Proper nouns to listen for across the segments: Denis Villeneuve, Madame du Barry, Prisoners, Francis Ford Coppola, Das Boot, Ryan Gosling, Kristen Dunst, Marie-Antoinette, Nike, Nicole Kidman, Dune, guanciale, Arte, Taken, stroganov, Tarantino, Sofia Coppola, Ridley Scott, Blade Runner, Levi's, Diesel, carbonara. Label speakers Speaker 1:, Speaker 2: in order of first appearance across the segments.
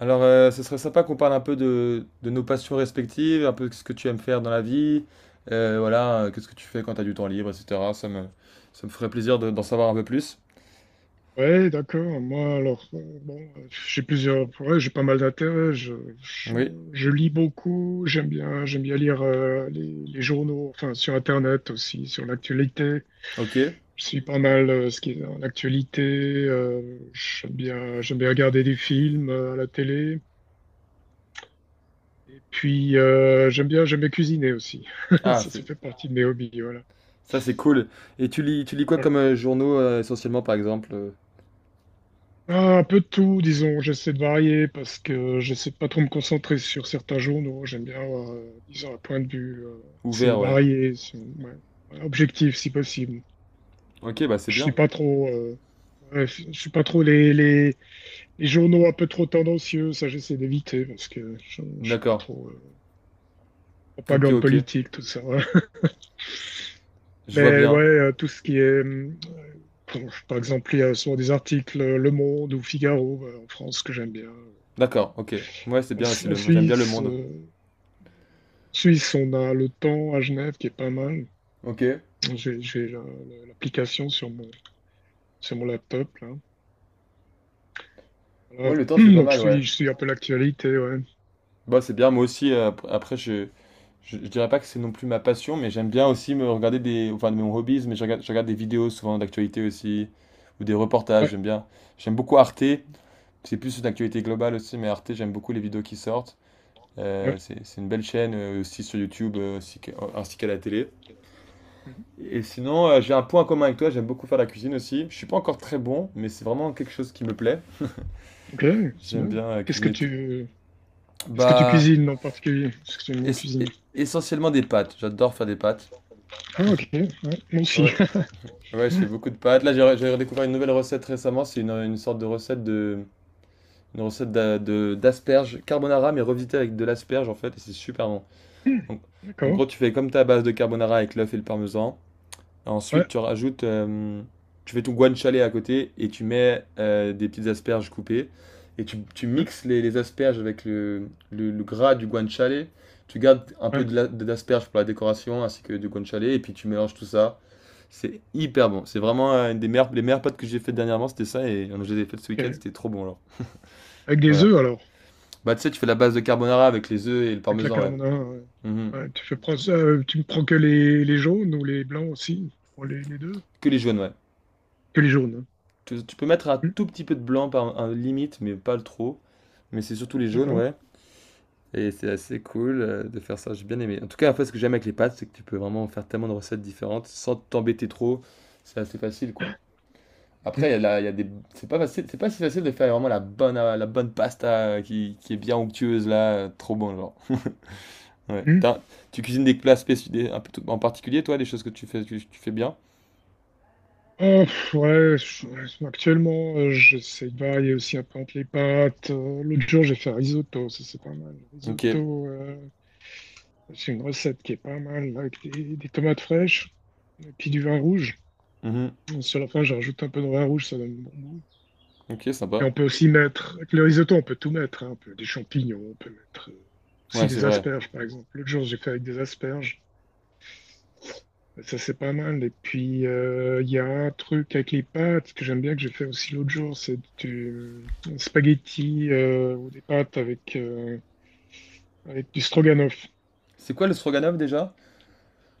Speaker 1: Alors, ce serait sympa qu'on parle un peu de nos passions respectives, un peu ce que tu aimes faire dans la vie, voilà, qu'est-ce que tu fais quand tu as du temps libre, etc. Ça me ferait plaisir d'en savoir un peu plus.
Speaker 2: Ouais, d'accord. Moi, alors, bon, j'ai plusieurs, ouais, j'ai pas mal d'intérêts. Je,
Speaker 1: Oui,
Speaker 2: je lis beaucoup. J'aime bien lire les journaux, enfin, sur Internet aussi, sur l'actualité.
Speaker 1: ok.
Speaker 2: Je suis pas mal ce qui est en actualité. J'aime bien regarder des films à la télé. Et puis, j'aime bien cuisiner aussi. Ça,
Speaker 1: Ah,
Speaker 2: ça fait partie de mes hobbies, voilà.
Speaker 1: ça c'est cool. Et tu lis quoi
Speaker 2: Voilà.
Speaker 1: comme journaux essentiellement, par exemple
Speaker 2: Ah, un peu de tout, disons. J'essaie de varier parce que j'essaie de pas trop me concentrer sur certains journaux. J'aime bien avoir, disons, un point de vue
Speaker 1: ouvert,
Speaker 2: assez
Speaker 1: ouais.
Speaker 2: varié, ouais, ouais, objectif si possible.
Speaker 1: Ok, bah c'est
Speaker 2: Je suis
Speaker 1: bien.
Speaker 2: pas trop, ouais, je suis pas trop les journaux un peu trop tendancieux. Ça, j'essaie d'éviter parce que je suis pas
Speaker 1: D'accord.
Speaker 2: trop
Speaker 1: Ok,
Speaker 2: propagande
Speaker 1: ok.
Speaker 2: politique, tout ça. Ouais.
Speaker 1: Je vois
Speaker 2: Mais ouais,
Speaker 1: bien.
Speaker 2: tout ce qui est, bon, par exemple, il y a souvent des articles Le Monde ou Figaro en France que j'aime bien.
Speaker 1: D'accord, ok. Ouais, c'est
Speaker 2: En,
Speaker 1: bien aussi,
Speaker 2: en
Speaker 1: le, j'aime bien le
Speaker 2: Suisse.
Speaker 1: monde.
Speaker 2: Suisse, on a le temps à Genève qui est pas mal.
Speaker 1: Ok.
Speaker 2: J'ai l'application sur mon laptop, là.
Speaker 1: Ouais,
Speaker 2: Voilà.
Speaker 1: le temps c'est pas
Speaker 2: Donc,
Speaker 1: mal, ouais.
Speaker 2: je suis un peu l'actualité, ouais.
Speaker 1: Bah, c'est bien, moi aussi, après, je dirais pas que c'est non plus ma passion, mais j'aime bien aussi me regarder des, enfin, de mes hobbies, mais je regarde des vidéos souvent d'actualité aussi, ou des reportages,
Speaker 2: Ouais,
Speaker 1: j'aime bien. J'aime beaucoup Arte, c'est plus une actualité globale aussi, mais Arte, j'aime beaucoup les vidéos qui sortent.
Speaker 2: ouais.
Speaker 1: C'est une belle chaîne aussi sur YouTube, ainsi qu'à la télé.
Speaker 2: Mhm.
Speaker 1: Et sinon, j'ai un point en commun avec toi, j'aime beaucoup faire la cuisine aussi. Je suis pas encore très bon, mais c'est vraiment quelque chose qui me plaît.
Speaker 2: Ok, c'est
Speaker 1: J'aime
Speaker 2: bien.
Speaker 1: bien
Speaker 2: Qu'est-ce que
Speaker 1: cuisiner tout.
Speaker 2: tu, Qu'est-ce que tu
Speaker 1: Bah,
Speaker 2: cuisines en particulier? Parce que tu aimes bien
Speaker 1: es-
Speaker 2: cuisiner.
Speaker 1: essentiellement des pâtes, j'adore faire des pâtes.
Speaker 2: Ah, ok, ouais, moi aussi.
Speaker 1: Ouais, ouais, je fais beaucoup de pâtes. Là, j'ai redécouvert une nouvelle recette récemment. C'est une sorte de une recette d'asperges carbonara, mais revisitée avec de l'asperge en fait, et c'est super bon.
Speaker 2: Hmm,
Speaker 1: Donc, en
Speaker 2: d'accord.
Speaker 1: gros, tu fais comme ta base de carbonara avec l'œuf et le parmesan.
Speaker 2: Ouais,
Speaker 1: Ensuite, tu fais ton guanciale à côté et tu mets des petites asperges coupées et tu
Speaker 2: ouais,
Speaker 1: mixes les asperges avec le gras du guanciale. Tu gardes un peu
Speaker 2: ouais.
Speaker 1: d'asperges pour la décoration ainsi que du guanciale et puis tu mélanges tout ça. C'est hyper bon. C'est vraiment une des meilleures, les meilleures pâtes que j'ai faites dernièrement, c'était ça. Et je les ai faites ce week-end,
Speaker 2: Ok.
Speaker 1: c'était trop bon alors.
Speaker 2: Avec des
Speaker 1: Voilà.
Speaker 2: œufs, alors.
Speaker 1: Bah, tu sais, tu fais la base de carbonara avec les œufs et le
Speaker 2: Avec la
Speaker 1: parmesan, ouais.
Speaker 2: carbonara. Ouais.
Speaker 1: Mhm.
Speaker 2: Ouais, tu me prends que les jaunes ou les blancs aussi? Pour les deux?
Speaker 1: Que les jaunes, ouais.
Speaker 2: Que les jaunes.
Speaker 1: Tu peux mettre un
Speaker 2: Hein.
Speaker 1: tout
Speaker 2: Hmm,
Speaker 1: petit peu de blanc par un limite, mais pas le trop. Mais c'est surtout les jaunes,
Speaker 2: d'accord.
Speaker 1: ouais. Et c'est assez cool de faire ça, j'ai bien aimé. En tout cas, après, ce que j'aime avec les pâtes, c'est que tu peux vraiment faire tellement de recettes différentes sans t'embêter trop. C'est assez facile, quoi. Après,
Speaker 2: Mhm,
Speaker 1: il y a des... c'est pas facile, c'est pas si facile de faire vraiment la bonne pasta qui est bien onctueuse là, trop bon genre. Ouais.
Speaker 2: mhm.
Speaker 1: Tu cuisines des plats spécifiques, en particulier toi, des choses que tu fais bien.
Speaker 2: Oh, pff, ouais, ouais, actuellement, j'essaie de varier aussi un peu entre les pâtes. L'autre jour, j'ai fait un risotto, ça c'est pas mal. Le
Speaker 1: Ok.
Speaker 2: risotto, c'est une recette qui est pas mal, avec des tomates fraîches et puis du vin rouge.
Speaker 1: Mhm.
Speaker 2: Sur la fin, je rajoute un peu de vin rouge, ça donne bon goût.
Speaker 1: Ok,
Speaker 2: Et
Speaker 1: sympa.
Speaker 2: on peut aussi mettre, avec le risotto, on peut tout mettre, hein, on peut des champignons, on peut mettre
Speaker 1: Ouais,
Speaker 2: aussi
Speaker 1: c'est
Speaker 2: des
Speaker 1: vrai.
Speaker 2: asperges, par exemple. L'autre jour, j'ai fait avec des asperges. Ça, c'est pas mal. Et puis, il y a un truc avec les pâtes que j'aime bien, que j'ai fait aussi l'autre jour. C'est du spaghetti ou des pâtes avec, avec du stroganoff.
Speaker 1: C'est quoi le stroganov déjà?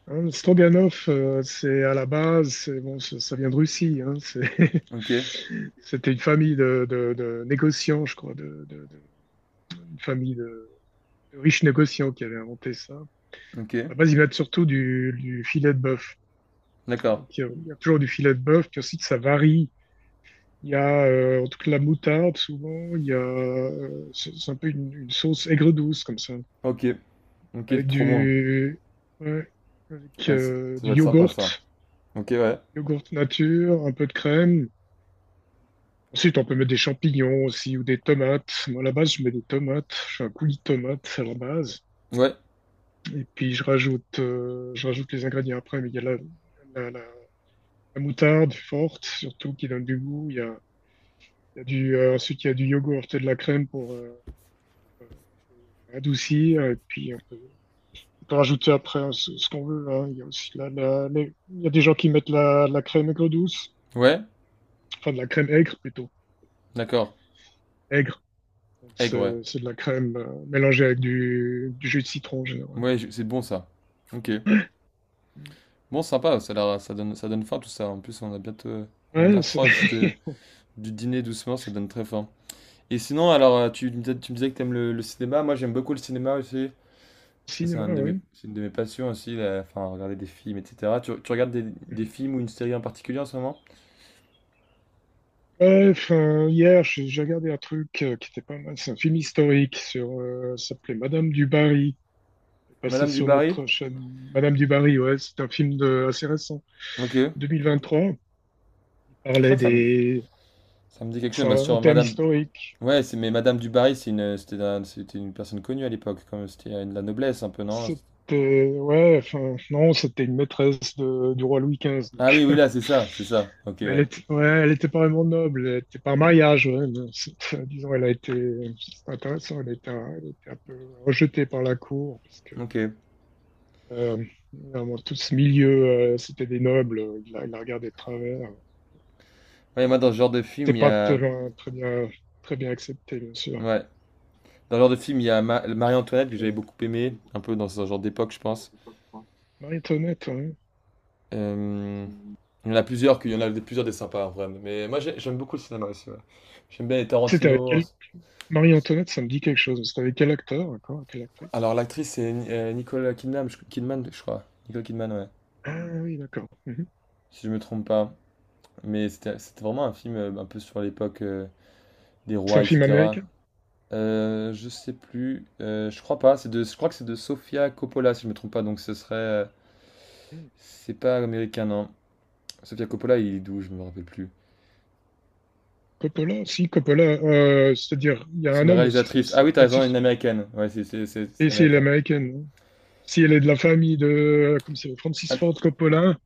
Speaker 2: Hein, le stroganoff, c'est à la base, c'est, bon, ça vient de Russie. Hein,
Speaker 1: Ok.
Speaker 2: c'était une famille de négociants, je crois, une famille de riches négociants qui avait inventé ça. À
Speaker 1: Ok.
Speaker 2: la base, ils mettent surtout du filet de bœuf.
Speaker 1: D'accord.
Speaker 2: Donc, il y a toujours du filet de bœuf, puis aussi que ça varie. Il y a en tout cas la moutarde souvent, il y a c'est un peu une sauce aigre-douce comme ça,
Speaker 1: Ok. Ok,
Speaker 2: avec
Speaker 1: trop bon.
Speaker 2: ouais,
Speaker 1: Ouais, ça ça va
Speaker 2: du
Speaker 1: être sympa
Speaker 2: yogourt,
Speaker 1: ça. Ok, ouais.
Speaker 2: yogourt nature, un peu de crème. Ensuite, on peut mettre des champignons aussi ou des tomates. Moi, à la base, je mets des tomates. Je fais un coulis de tomates à la base.
Speaker 1: Ouais.
Speaker 2: Et puis, je rajoute les ingrédients après. Mais il y a la, la- la moutarde forte, surtout, qui donne du goût. Il y a du, Ensuite, il y a du yogourt et de la crème pour, adouci, et puis on peut rajouter après hein, ce qu'on veut. Hein. Il y a des gens qui mettent la crème aigre-douce,
Speaker 1: Ouais.
Speaker 2: enfin de la crème aigre plutôt,
Speaker 1: D'accord.
Speaker 2: aigre. Donc
Speaker 1: Aigre, ouais.
Speaker 2: c'est de la crème mélangée avec du jus de citron en général.
Speaker 1: C'est bon ça. Ok. Bon, sympa, ça donne faim tout ça. En plus, on a bientôt, on
Speaker 2: Ouais, c'est
Speaker 1: approche du dîner doucement, ça donne très faim. Et sinon, alors, tu me disais que t'aimes le cinéma. Moi, j'aime beaucoup le cinéma aussi. Ça, c'est
Speaker 2: cinéma, ouais.
Speaker 1: c'est une de mes passions aussi, enfin, regarder des films, etc. Tu regardes des films ou une série en particulier en ce moment?
Speaker 2: Ouais, enfin, hier, j'ai regardé un truc qui était pas mal. C'est un film historique sur, ça s'appelait Madame du Barry. C'est passé
Speaker 1: Madame du
Speaker 2: sur
Speaker 1: Barry?
Speaker 2: notre chaîne. Madame du Barry, ouais, c'est un film de, assez récent,
Speaker 1: Ok. Je
Speaker 2: 2023. Il
Speaker 1: crois
Speaker 2: parlait des,
Speaker 1: ça me dit quelque
Speaker 2: c'est
Speaker 1: chose. Bah,
Speaker 2: un
Speaker 1: sur
Speaker 2: thème
Speaker 1: Madame...
Speaker 2: historique.
Speaker 1: Ouais, mais Madame du Barry, c'était une personne connue à l'époque, comme c'était de la noblesse un peu, non?
Speaker 2: C'était, ouais, enfin, non, c'était une maîtresse du roi Louis XV.
Speaker 1: Ah oui,
Speaker 2: Donc.
Speaker 1: oui, là, c'est ça, c'est ça. Ok,
Speaker 2: Mais elle
Speaker 1: ouais.
Speaker 2: était, ouais, elle était pas vraiment noble, elle était par mariage, ouais, disons, c'est intéressant, elle a été un peu rejetée par la cour, parce que,
Speaker 1: Ok.
Speaker 2: euh, vraiment, tout ce milieu, c'était des nobles, il la regardait de travers. Elle
Speaker 1: Ouais, moi, dans ce genre de
Speaker 2: n'était
Speaker 1: film, il y
Speaker 2: pas
Speaker 1: a.
Speaker 2: très bien acceptée, bien sûr.
Speaker 1: Ouais. Dans ce genre de film, il y a Marie-Antoinette que
Speaker 2: Euh,
Speaker 1: j'avais beaucoup aimé, un peu dans ce genre d'époque, je pense.
Speaker 2: Marie-Antoinette, ouais.
Speaker 1: Euh, Il y en a plusieurs, qu'il y en a des- plusieurs des sympas, en vrai. Mais moi, j'aime beaucoup le cinéma aussi. Ouais. J'aime bien les
Speaker 2: C'était avec
Speaker 1: Tarantino.
Speaker 2: elle Marie-Antoinette, ça me dit quelque chose. C'était avec quel acteur, d'accord, quelle actrice?
Speaker 1: Alors, l'actrice, c'est Nicole Kidman, je crois. Nicole Kidman, ouais.
Speaker 2: Ah oui, d'accord. Mhm.
Speaker 1: Si je me trompe pas. Mais c'était vraiment un film un peu sur l'époque des
Speaker 2: C'est
Speaker 1: rois,
Speaker 2: un film
Speaker 1: etc.
Speaker 2: américain?
Speaker 1: Je sais plus. Je crois pas. Je crois que c'est de Sofia Coppola, si je me trompe pas. Donc ce serait.
Speaker 2: Mhm.
Speaker 1: C'est pas américain, non. Sofia Coppola, il est d'où? Je me rappelle plus.
Speaker 2: Coppola? Si, Coppola. C'est-à-dire, il y a
Speaker 1: C'est
Speaker 2: un
Speaker 1: une
Speaker 2: homme aussi.
Speaker 1: réalisatrice. Ah oui, t'as raison, elle est
Speaker 2: Francis-
Speaker 1: une américaine. Ouais, c'est
Speaker 2: Et si elle est
Speaker 1: américain.
Speaker 2: américaine, hein. Si elle est de la famille de, comme c'est Francis
Speaker 1: Ah,
Speaker 2: Ford Coppola,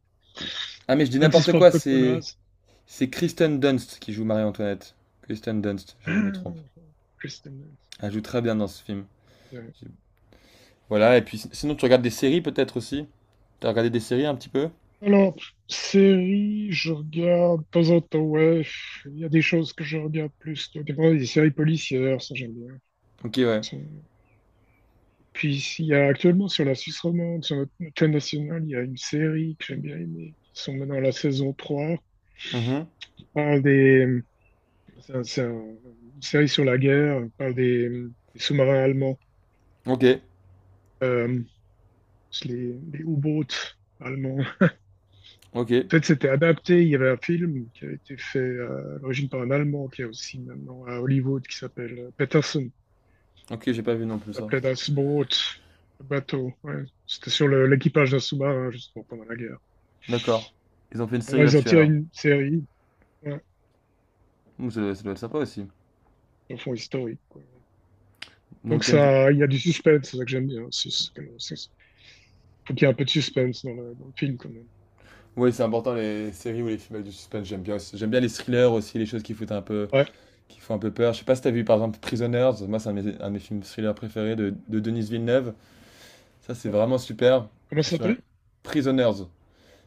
Speaker 1: ah, mais je dis
Speaker 2: Francis
Speaker 1: n'importe
Speaker 2: Ford
Speaker 1: quoi.
Speaker 2: Coppola.
Speaker 1: C'est c'est Kristen Dunst qui joue Marie-Antoinette. Kristen Dunst, je me trompe.
Speaker 2: Ah, Kristen Dunst.
Speaker 1: Elle joue très bien dans ce film.
Speaker 2: Ok.
Speaker 1: J'ai- Voilà. Et puis sinon, tu regardes des séries peut-être aussi. T'as regardé des séries un petit peu?
Speaker 2: Alors, série, je regarde de temps en temps, ouais, il y a des choses que je regarde plus. Des fois, des séries policières, ça j'aime
Speaker 1: Ok, ouais.
Speaker 2: bien. Puis il y a actuellement sur la Suisse romande, sur notre chaîne nationale, il y a une série que j'aime bien aimer, qui sont maintenant à la saison 3
Speaker 1: Mhm.
Speaker 2: qui parle des... C'est un- c'est un- une série sur la guerre, qui parle des sous-marins allemands,
Speaker 1: Ok,
Speaker 2: euh, les U-boats allemands. En
Speaker 1: ok,
Speaker 2: fait, c'était adapté, il y avait un film qui a été fait à l'origine par un Allemand, qui est aussi maintenant à Hollywood, qui s'appelle Peterson.
Speaker 1: ok. J'ai pas vu non plus
Speaker 2: Ça
Speaker 1: ça.
Speaker 2: s'appelait Das Boot, le bateau. Ouais. C'était sur l'équipage d'un sous-marin, justement, pendant la guerre.
Speaker 1: D'accord. Ils ont fait une
Speaker 2: Maintenant,
Speaker 1: série
Speaker 2: ils ont
Speaker 1: là-dessus
Speaker 2: tiré
Speaker 1: alors.
Speaker 2: une série. Ouais,
Speaker 1: Ouh, ça doit être sympa aussi.
Speaker 2: le fond historique, quoi.
Speaker 1: Donc
Speaker 2: Donc
Speaker 1: t'aimes bi-
Speaker 2: ça, il y a du suspense, c'est ça que j'aime bien aussi. Faut qu'il y ait un peu de suspense dans le film quand même.
Speaker 1: Oui, c'est important les séries ou les films avec du suspense, j'aime bien aussi. J'aime bien les thrillers aussi, les choses qui foutent un peu,
Speaker 2: Ouais.
Speaker 1: qui font un peu peur. Je sais pas si t'as vu par exemple Prisoners, moi c'est un, un de mes films thrillers préférés de Denis Villeneuve. Ça c'est
Speaker 2: Bon.
Speaker 1: vraiment super.
Speaker 2: Comment
Speaker 1: C'est
Speaker 2: ça
Speaker 1: sur un...
Speaker 2: s'appelle?
Speaker 1: Prisoners.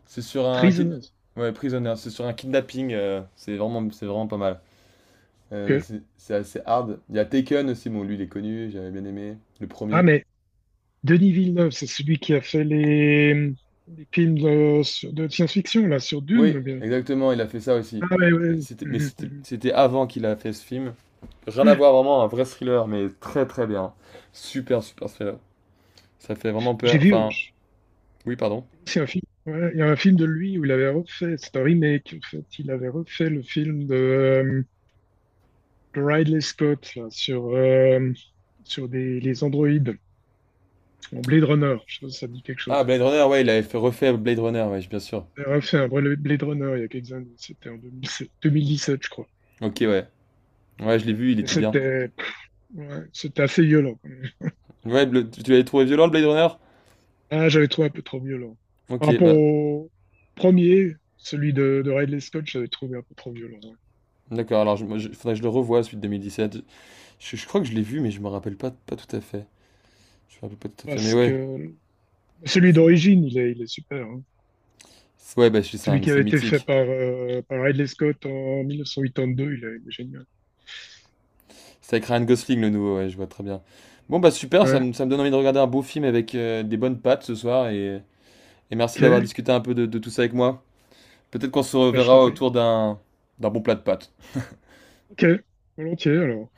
Speaker 1: C'est sur un kid...
Speaker 2: Prisoners.
Speaker 1: ouais, Prisoners, c'est sur un kidnapping, c'est vraiment pas mal.
Speaker 2: Ok.
Speaker 1: C'est assez hard. Il y a Taken aussi, bon lui il est connu, j'avais bien aimé le
Speaker 2: Ah
Speaker 1: premier.
Speaker 2: mais Denis Villeneuve, c'est celui qui a fait les films de, de science-fiction là sur Dune,
Speaker 1: Oui,
Speaker 2: ou bien.
Speaker 1: exactement, il a fait ça aussi.
Speaker 2: Ah ouais,
Speaker 1: Mais
Speaker 2: ouais. Mhm, mhm.
Speaker 1: c'était avant qu'il a fait ce film. Rien à voir, vraiment, un vrai thriller, mais très très bien. Super, super thriller. Ça fait vraiment
Speaker 2: J'ai
Speaker 1: peur.
Speaker 2: vu,
Speaker 1: Enfin,
Speaker 2: j'ai
Speaker 1: oui, pardon.
Speaker 2: vu aussi un film. Ouais, il y a un film de lui où il avait refait, c'est un remake en fait. Il avait refait le film de Ridley Scott là, sur sur des les androïdes. Bon, Blade Runner, je sais pas si ça dit quelque
Speaker 1: Ah,
Speaker 2: chose.
Speaker 1: Blade Runner, ouais, refait Blade Runner, ouais, bien sûr.
Speaker 2: Elle a fait un Blade Runner il y a quelques années, c'était en 2007 2017, je crois.
Speaker 1: Ok, ouais. Ouais, je l'ai vu, il
Speaker 2: Et
Speaker 1: était bien.
Speaker 2: c'était pff, ouais, c'était assez violent quand même.
Speaker 1: Ouais, tu l'avais trouvé violent, le Blade Runner?
Speaker 2: Ah, j'avais trouvé un peu trop violent.
Speaker 1: Ok,
Speaker 2: Par rapport
Speaker 1: bah,
Speaker 2: au premier, celui de Ridley Scott, j'avais trouvé un peu trop violent. Ouais.
Speaker 1: d'accord, alors il faudrait que je le revoie, celui de 2017. Je crois que je l'ai vu, mais je me rappelle pas, pas tout à fait. Je me rappelle pas tout à fait, mais
Speaker 2: Parce
Speaker 1: ouais.
Speaker 2: que celui d'origine, il est super. Hein.
Speaker 1: Ouais, bah, c'est
Speaker 2: Celui qui
Speaker 1: c'est
Speaker 2: avait été fait
Speaker 1: mythique.
Speaker 2: par, par Ridley Scott en 1982, il est génial.
Speaker 1: C'est avec Ryan Gosling le nouveau, ouais, je vois très bien. Bon bah super,
Speaker 2: Ouais,
Speaker 1: ça me donne envie de regarder un beau film avec des bonnes pattes ce soir et merci d'avoir
Speaker 2: ok,
Speaker 1: discuté un peu de tout ça avec moi. Peut-être qu'on se
Speaker 2: bah, je t'en
Speaker 1: reverra
Speaker 2: prie.
Speaker 1: autour d'un bon plat de pâtes.
Speaker 2: Ok, volontiers alors.